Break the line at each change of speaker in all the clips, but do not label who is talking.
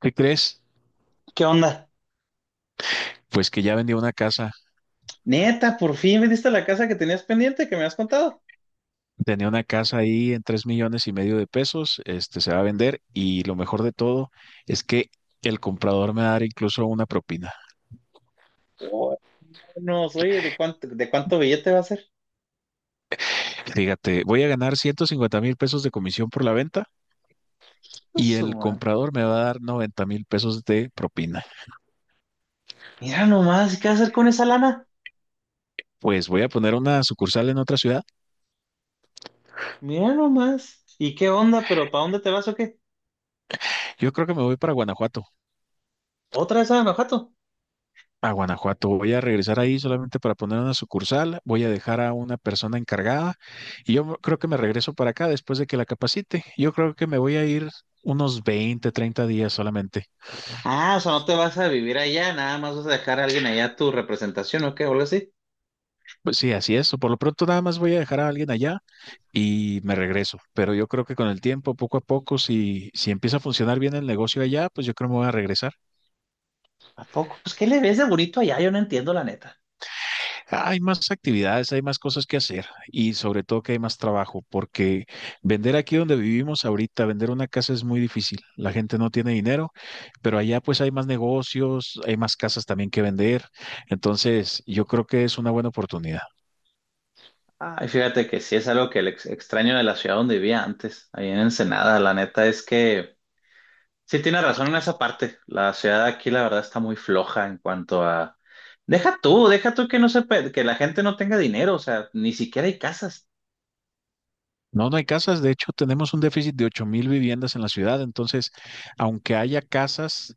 ¿Qué crees?
¿Qué onda?
Pues que ya vendió una casa.
Neta, por fin vendiste la casa que tenías pendiente, que me has contado.
Tenía una casa ahí en 3.5 millones de pesos. Este se va a vender y lo mejor de todo es que el comprador me va a dar incluso una propina.
Oh, no, oye, ¿¿de cuánto billete va a ser?
Fíjate, voy a ganar 150,000 pesos de comisión por la venta
Pues
y
su
el
madre.
comprador me va a dar 90,000 pesos de propina.
Mira nomás, ¿qué hacer con esa lana?
Pues voy a poner una sucursal en otra ciudad.
Mira nomás. ¿Y qué onda? ¿Pero para dónde te vas o qué?
Yo creo que me voy para Guanajuato.
¿Otra vez a Guanajuato?
A Guanajuato voy a regresar ahí solamente para poner una sucursal, voy a dejar a una persona encargada y yo creo que me regreso para acá después de que la capacite. Yo creo que me voy a ir unos 20, 30 días solamente.
Ah, o sea, no te vas a vivir allá, nada más vas a dejar a alguien allá tu representación o qué, o algo así.
Pues sí, así es. Por lo pronto nada más voy a dejar a alguien allá y me regreso. Pero yo creo que con el tiempo, poco a poco, si empieza a funcionar bien el negocio allá, pues yo creo que me voy a regresar.
¿A poco? Pues, ¿qué le ves de bonito allá? Yo no entiendo, la neta.
Hay más actividades, hay más cosas que hacer y sobre todo que hay más trabajo, porque vender aquí donde vivimos ahorita, vender una casa es muy difícil. La gente no tiene dinero, pero allá pues hay más negocios, hay más casas también que vender. Entonces, yo creo que es una buena oportunidad.
Ay, fíjate que sí es algo que le extraño de la ciudad donde vivía antes, ahí en Ensenada. La neta es que sí, tiene razón en esa parte. La ciudad de aquí, la verdad, está muy floja en cuanto a... deja tú que no se pe- que la gente no tenga dinero, o sea, ni siquiera hay casas
No, no hay casas. De hecho, tenemos un déficit de 8,000 viviendas en la ciudad. Entonces, aunque haya casas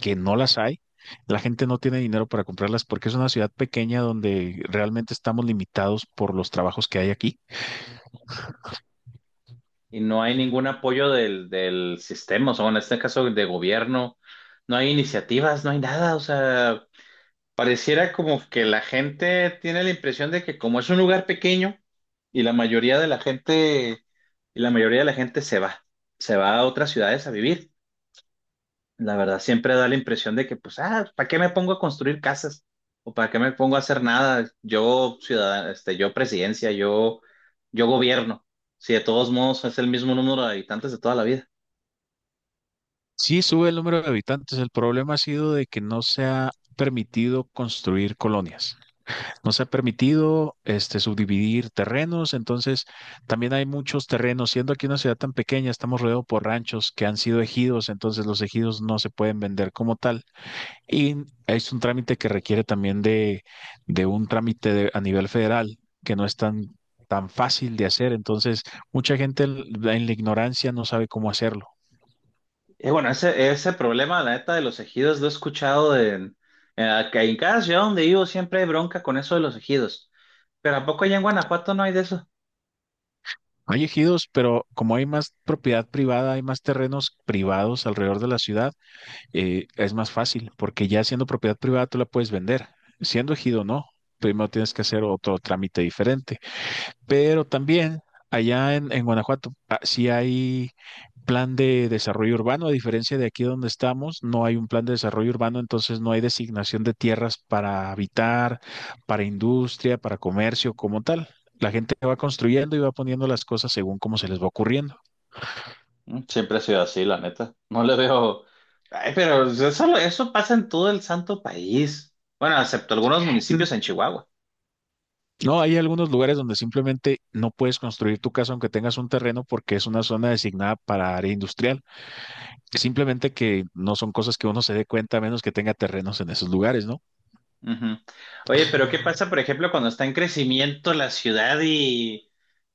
que no las hay, la gente no tiene dinero para comprarlas porque es una ciudad pequeña donde realmente estamos limitados por los trabajos que hay aquí.
y no hay ningún apoyo del sistema, o sea, bueno, en este caso de gobierno, no hay iniciativas, no hay nada, o sea, pareciera como que la gente tiene la impresión de que como es un lugar pequeño y la mayoría de la gente, y la mayoría de la gente se va a otras ciudades a vivir. La verdad, siempre da la impresión de que, pues, ¿para qué me pongo a construir casas? ¿O para qué me pongo a hacer nada? Yo, ciudadano, yo presidencia, yo gobierno. Si de todos modos es el mismo número de habitantes de toda la vida.
Sí, sube el número de habitantes. El problema ha sido de que no se ha permitido construir colonias. No se ha permitido este, subdividir terrenos. Entonces, también hay muchos terrenos. Siendo aquí una ciudad tan pequeña, estamos rodeados por ranchos que han sido ejidos. Entonces, los ejidos no se pueden vender como tal. Y es un trámite que requiere también de un trámite de- a nivel federal que no es tan, tan fácil de hacer. Entonces, mucha gente en la ignorancia no sabe cómo hacerlo.
Y bueno, ese problema, la neta, de los ejidos lo he escuchado en, que en cada ciudad donde vivo siempre hay bronca con eso de los ejidos. Pero ¿a poco allá en Guanajuato no hay de eso?
Hay ejidos, pero como hay más propiedad privada, hay más terrenos privados alrededor de la ciudad, es más fácil, porque ya siendo propiedad privada tú la puedes vender. Siendo ejido, no. Primero tienes que hacer otro trámite diferente. Pero también allá en Guanajuato, sí hay plan de desarrollo urbano, a diferencia de aquí donde estamos, no hay un plan de desarrollo urbano, entonces no hay designación de tierras para habitar, para industria, para comercio como tal. La gente va construyendo y va poniendo las cosas según cómo se les va ocurriendo.
Mm, siempre ha sido así, la neta. No le veo. Ay, pero eso pasa en todo el santo país. Bueno, excepto algunos
Mm.
municipios en Chihuahua.
No, hay algunos lugares donde simplemente no puedes construir tu casa aunque tengas un terreno porque es una zona designada para área industrial. Simplemente que no son cosas que uno se dé cuenta a menos que tenga terrenos en esos lugares, ¿no?
Ujú. Oye, pero ¿qué pasa, por ejemplo, cuando está en crecimiento la ciudad y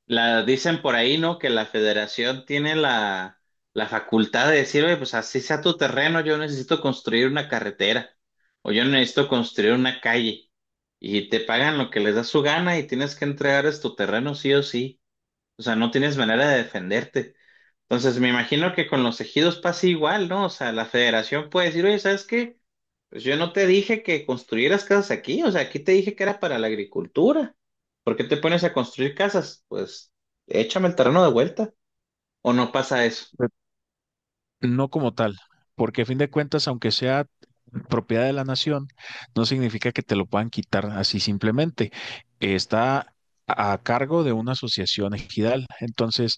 la dicen por ahí, ¿no? Que la federación tiene la facultad de decir, oye, pues así sea tu terreno, yo necesito construir una carretera o yo necesito construir una calle. Y te pagan lo que les da su gana y tienes que entregar es tu terreno sí o sí. O sea, no tienes manera de defenderte. Entonces, me imagino que con los ejidos pasa igual, ¿no? O sea, la federación puede decir, oye, ¿sabes qué? Pues yo no te dije que construyeras casas aquí, o sea, aquí te dije que era para la agricultura. ¿Por qué te pones a construir casas? Pues échame el terreno de vuelta. ¿O no pasa eso?
Re- No como tal, porque a fin de cuentas, aunque sea propiedad de la nación, no significa que te lo puedan quitar así simplemente. Está a cargo de una asociación ejidal. Entonces,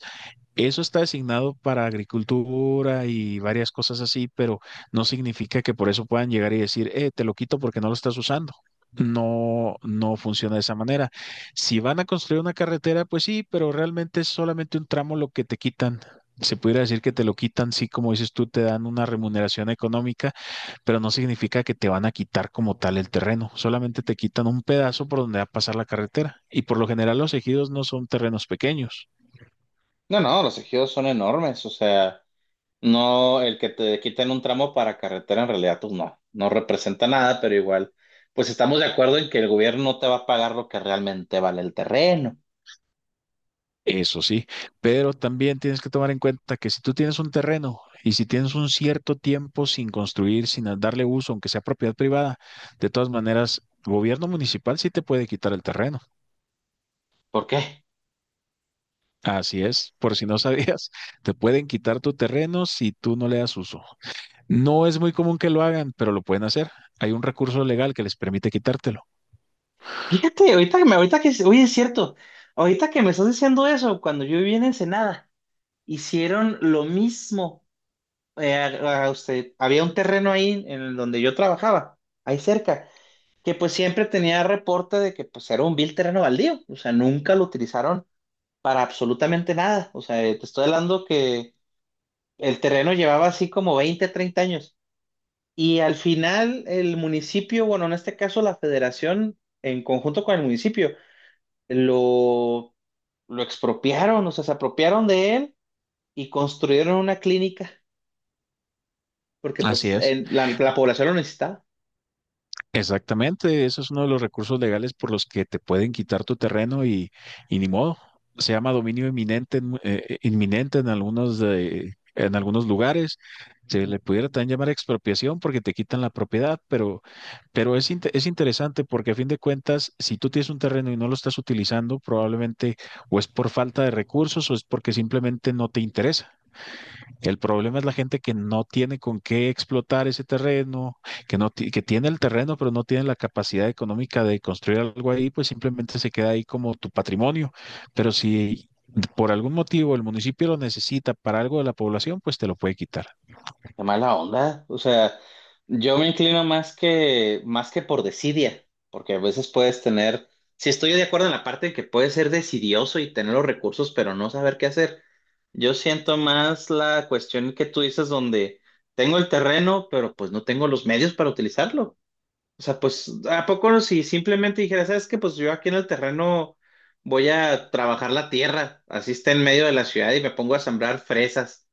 eso está designado para agricultura y varias cosas así, pero no significa que por eso puedan llegar y decir, te lo quito porque no lo estás usando. No, no funciona de esa manera. Si van a construir una carretera, pues sí, pero realmente es solamente un tramo lo que te quitan. Se pudiera decir que te lo quitan, sí, como dices tú, te dan una remuneración económica, pero no significa que te van a quitar como tal el terreno. Solamente te quitan un pedazo por donde va a pasar la carretera. Y por lo general los ejidos no son terrenos pequeños.
No, no, los ejidos son enormes, o sea, no el que te quiten un tramo para carretera en realidad, pues no, no representa nada, pero igual, pues estamos de acuerdo en que el gobierno no te va a pagar lo que realmente vale el terreno.
Eso sí, pero también tienes que tomar en cuenta que si tú tienes un terreno y si tienes un cierto tiempo sin construir, sin a- darle uso, aunque sea propiedad privada, de todas maneras, gobierno municipal sí te puede quitar el terreno.
¿Por qué?
Así es, por si no sabías, te pueden quitar tu terreno si tú no le das uso. No es muy común que lo hagan, pero lo pueden hacer. Hay un recurso legal que les permite quitártelo.
Fíjate, oye, es cierto, ahorita que me estás diciendo eso, cuando yo vivía en Ensenada, hicieron lo mismo. A usted, había un terreno ahí en donde yo trabajaba, ahí cerca, que pues siempre tenía reporte de que pues era un vil terreno baldío, o sea, nunca lo utilizaron para absolutamente nada. O sea, te estoy hablando que el terreno llevaba así como 20, 30 años. Y al final el municipio, bueno, en este caso la federación, en conjunto con el municipio, lo, lo expropiaron, o sea, se apropiaron de él y construyeron una clínica, porque
Así
pues
es.
la población lo necesitaba.
Exactamente, eso es uno de los recursos legales por los que te pueden quitar tu terreno y ni modo. Se llama dominio inminente, inminente en algunos lugares. Se
Ujú.
le pudiera también llamar expropiación porque te quitan la propiedad, pero es interesante porque a fin de cuentas, si tú tienes un terreno y no lo estás utilizando, probablemente o es por falta de recursos o es porque simplemente no te interesa. El problema es la gente que no tiene con qué explotar ese terreno, que no ti- que tiene el terreno, pero no tiene la capacidad económica de construir algo ahí, pues simplemente se queda ahí como tu patrimonio. Pero si por algún motivo el municipio lo necesita para algo de la población, pues te lo puede quitar.
Qué mala onda. O sea, yo me inclino más que por desidia, porque a veces puedes tener, si estoy de acuerdo en la parte de que puedes ser desidioso y tener los recursos, pero no saber qué hacer. Yo siento más la cuestión que tú dices donde tengo el terreno, pero pues no tengo los medios para utilizarlo. O sea, pues, ¿a poco no? Si simplemente dijera, ¿sabes qué? Pues yo aquí en el terreno voy a trabajar la tierra, así está en medio de la ciudad y me pongo a sembrar fresas.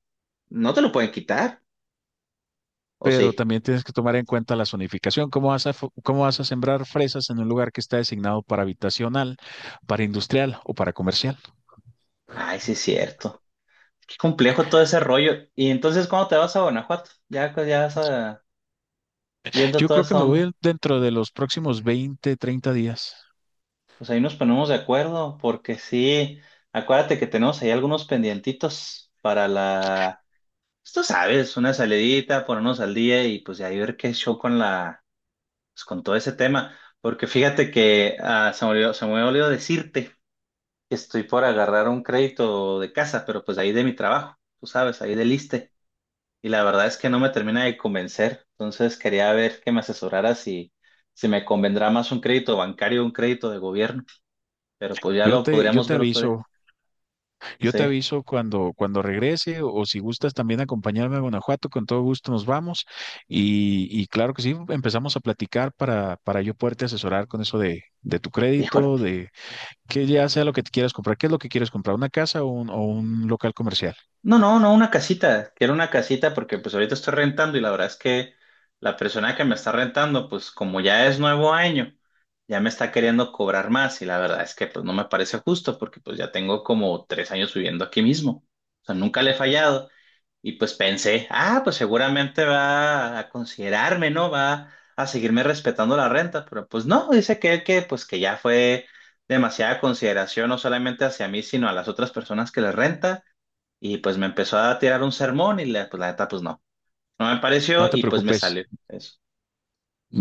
¿No te lo pueden quitar? ¿O
Pero
sí?
también tienes que tomar en cuenta la zonificación. ¿Cómo vas a, cómo vas a sembrar fresas en un lugar que está designado para habitacional, para industrial o para comercial?
Ay, sí es cierto. Qué complejo todo ese rollo. Y entonces, ¿cuándo te vas a Guanajuato? Ya, pues, ya vas a- viendo
Yo
toda
creo que
esa
me voy
onda.
dentro de los próximos 20, 30 días.
Pues ahí nos ponemos de acuerdo, porque sí, acuérdate que tenemos ahí algunos pendientitos para la... Pues, tú sabes, una salidita, ponernos al día y pues de ahí ver qué show con la pues, con todo ese tema, porque fíjate que se me olvidó decirte que estoy por agarrar un crédito de casa, pero pues ahí de mi trabajo, tú sabes, ahí del ISSSTE, y la verdad es que no me termina de convencer, entonces quería ver que me asesorara si me convendrá más un crédito bancario o un crédito de gobierno, pero pues ya
Yo
lo
te, yo
podríamos
te
ver otro día.
aviso, yo te
Sí,
aviso cuando, cuando regrese o, si gustas también acompañarme a Guanajuato, con todo gusto nos vamos y claro que sí, empezamos a platicar para yo poderte asesorar con eso de tu
híjole.
crédito, de que ya sea lo que te quieras comprar, qué es lo que quieres comprar, una casa o un local comercial.
No, no, no, una casita. Quiero una casita porque pues ahorita estoy rentando y la verdad es que la persona que me está rentando, pues como ya es nuevo año, ya me está queriendo cobrar más y la verdad es que pues no me parece justo porque pues ya tengo como 3 años viviendo aquí mismo. O sea, nunca le he fallado y pues pensé, ah, pues seguramente va a considerarme, ¿no? Va a seguirme respetando la renta, pero pues no, dice que pues que ya fue demasiada consideración no solamente hacia mí, sino a las otras personas que le renta y pues me empezó a tirar un sermón y la, pues la neta, pues no. No me
No
pareció
te
y pues me
preocupes.
salió eso.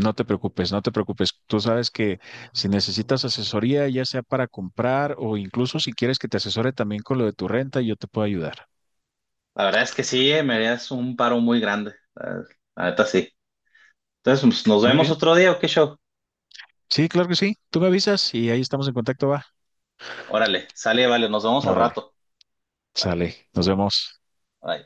No te preocupes, no te preocupes. Tú sabes que si necesitas asesoría, ya sea para comprar o incluso si quieres que te asesore también con lo de tu renta, yo te puedo ayudar.
La verdad es que sí, me harías un paro muy grande. La neta sí. Entonces, pues, ¿nos
Muy
vemos
bien.
otro día o qué show?
Sí, claro que sí. Tú me avisas y ahí estamos en contacto, va.
Órale, sale, vale, nos vemos al
Órale,
rato. Vale,
sale. Nos vemos.
bye.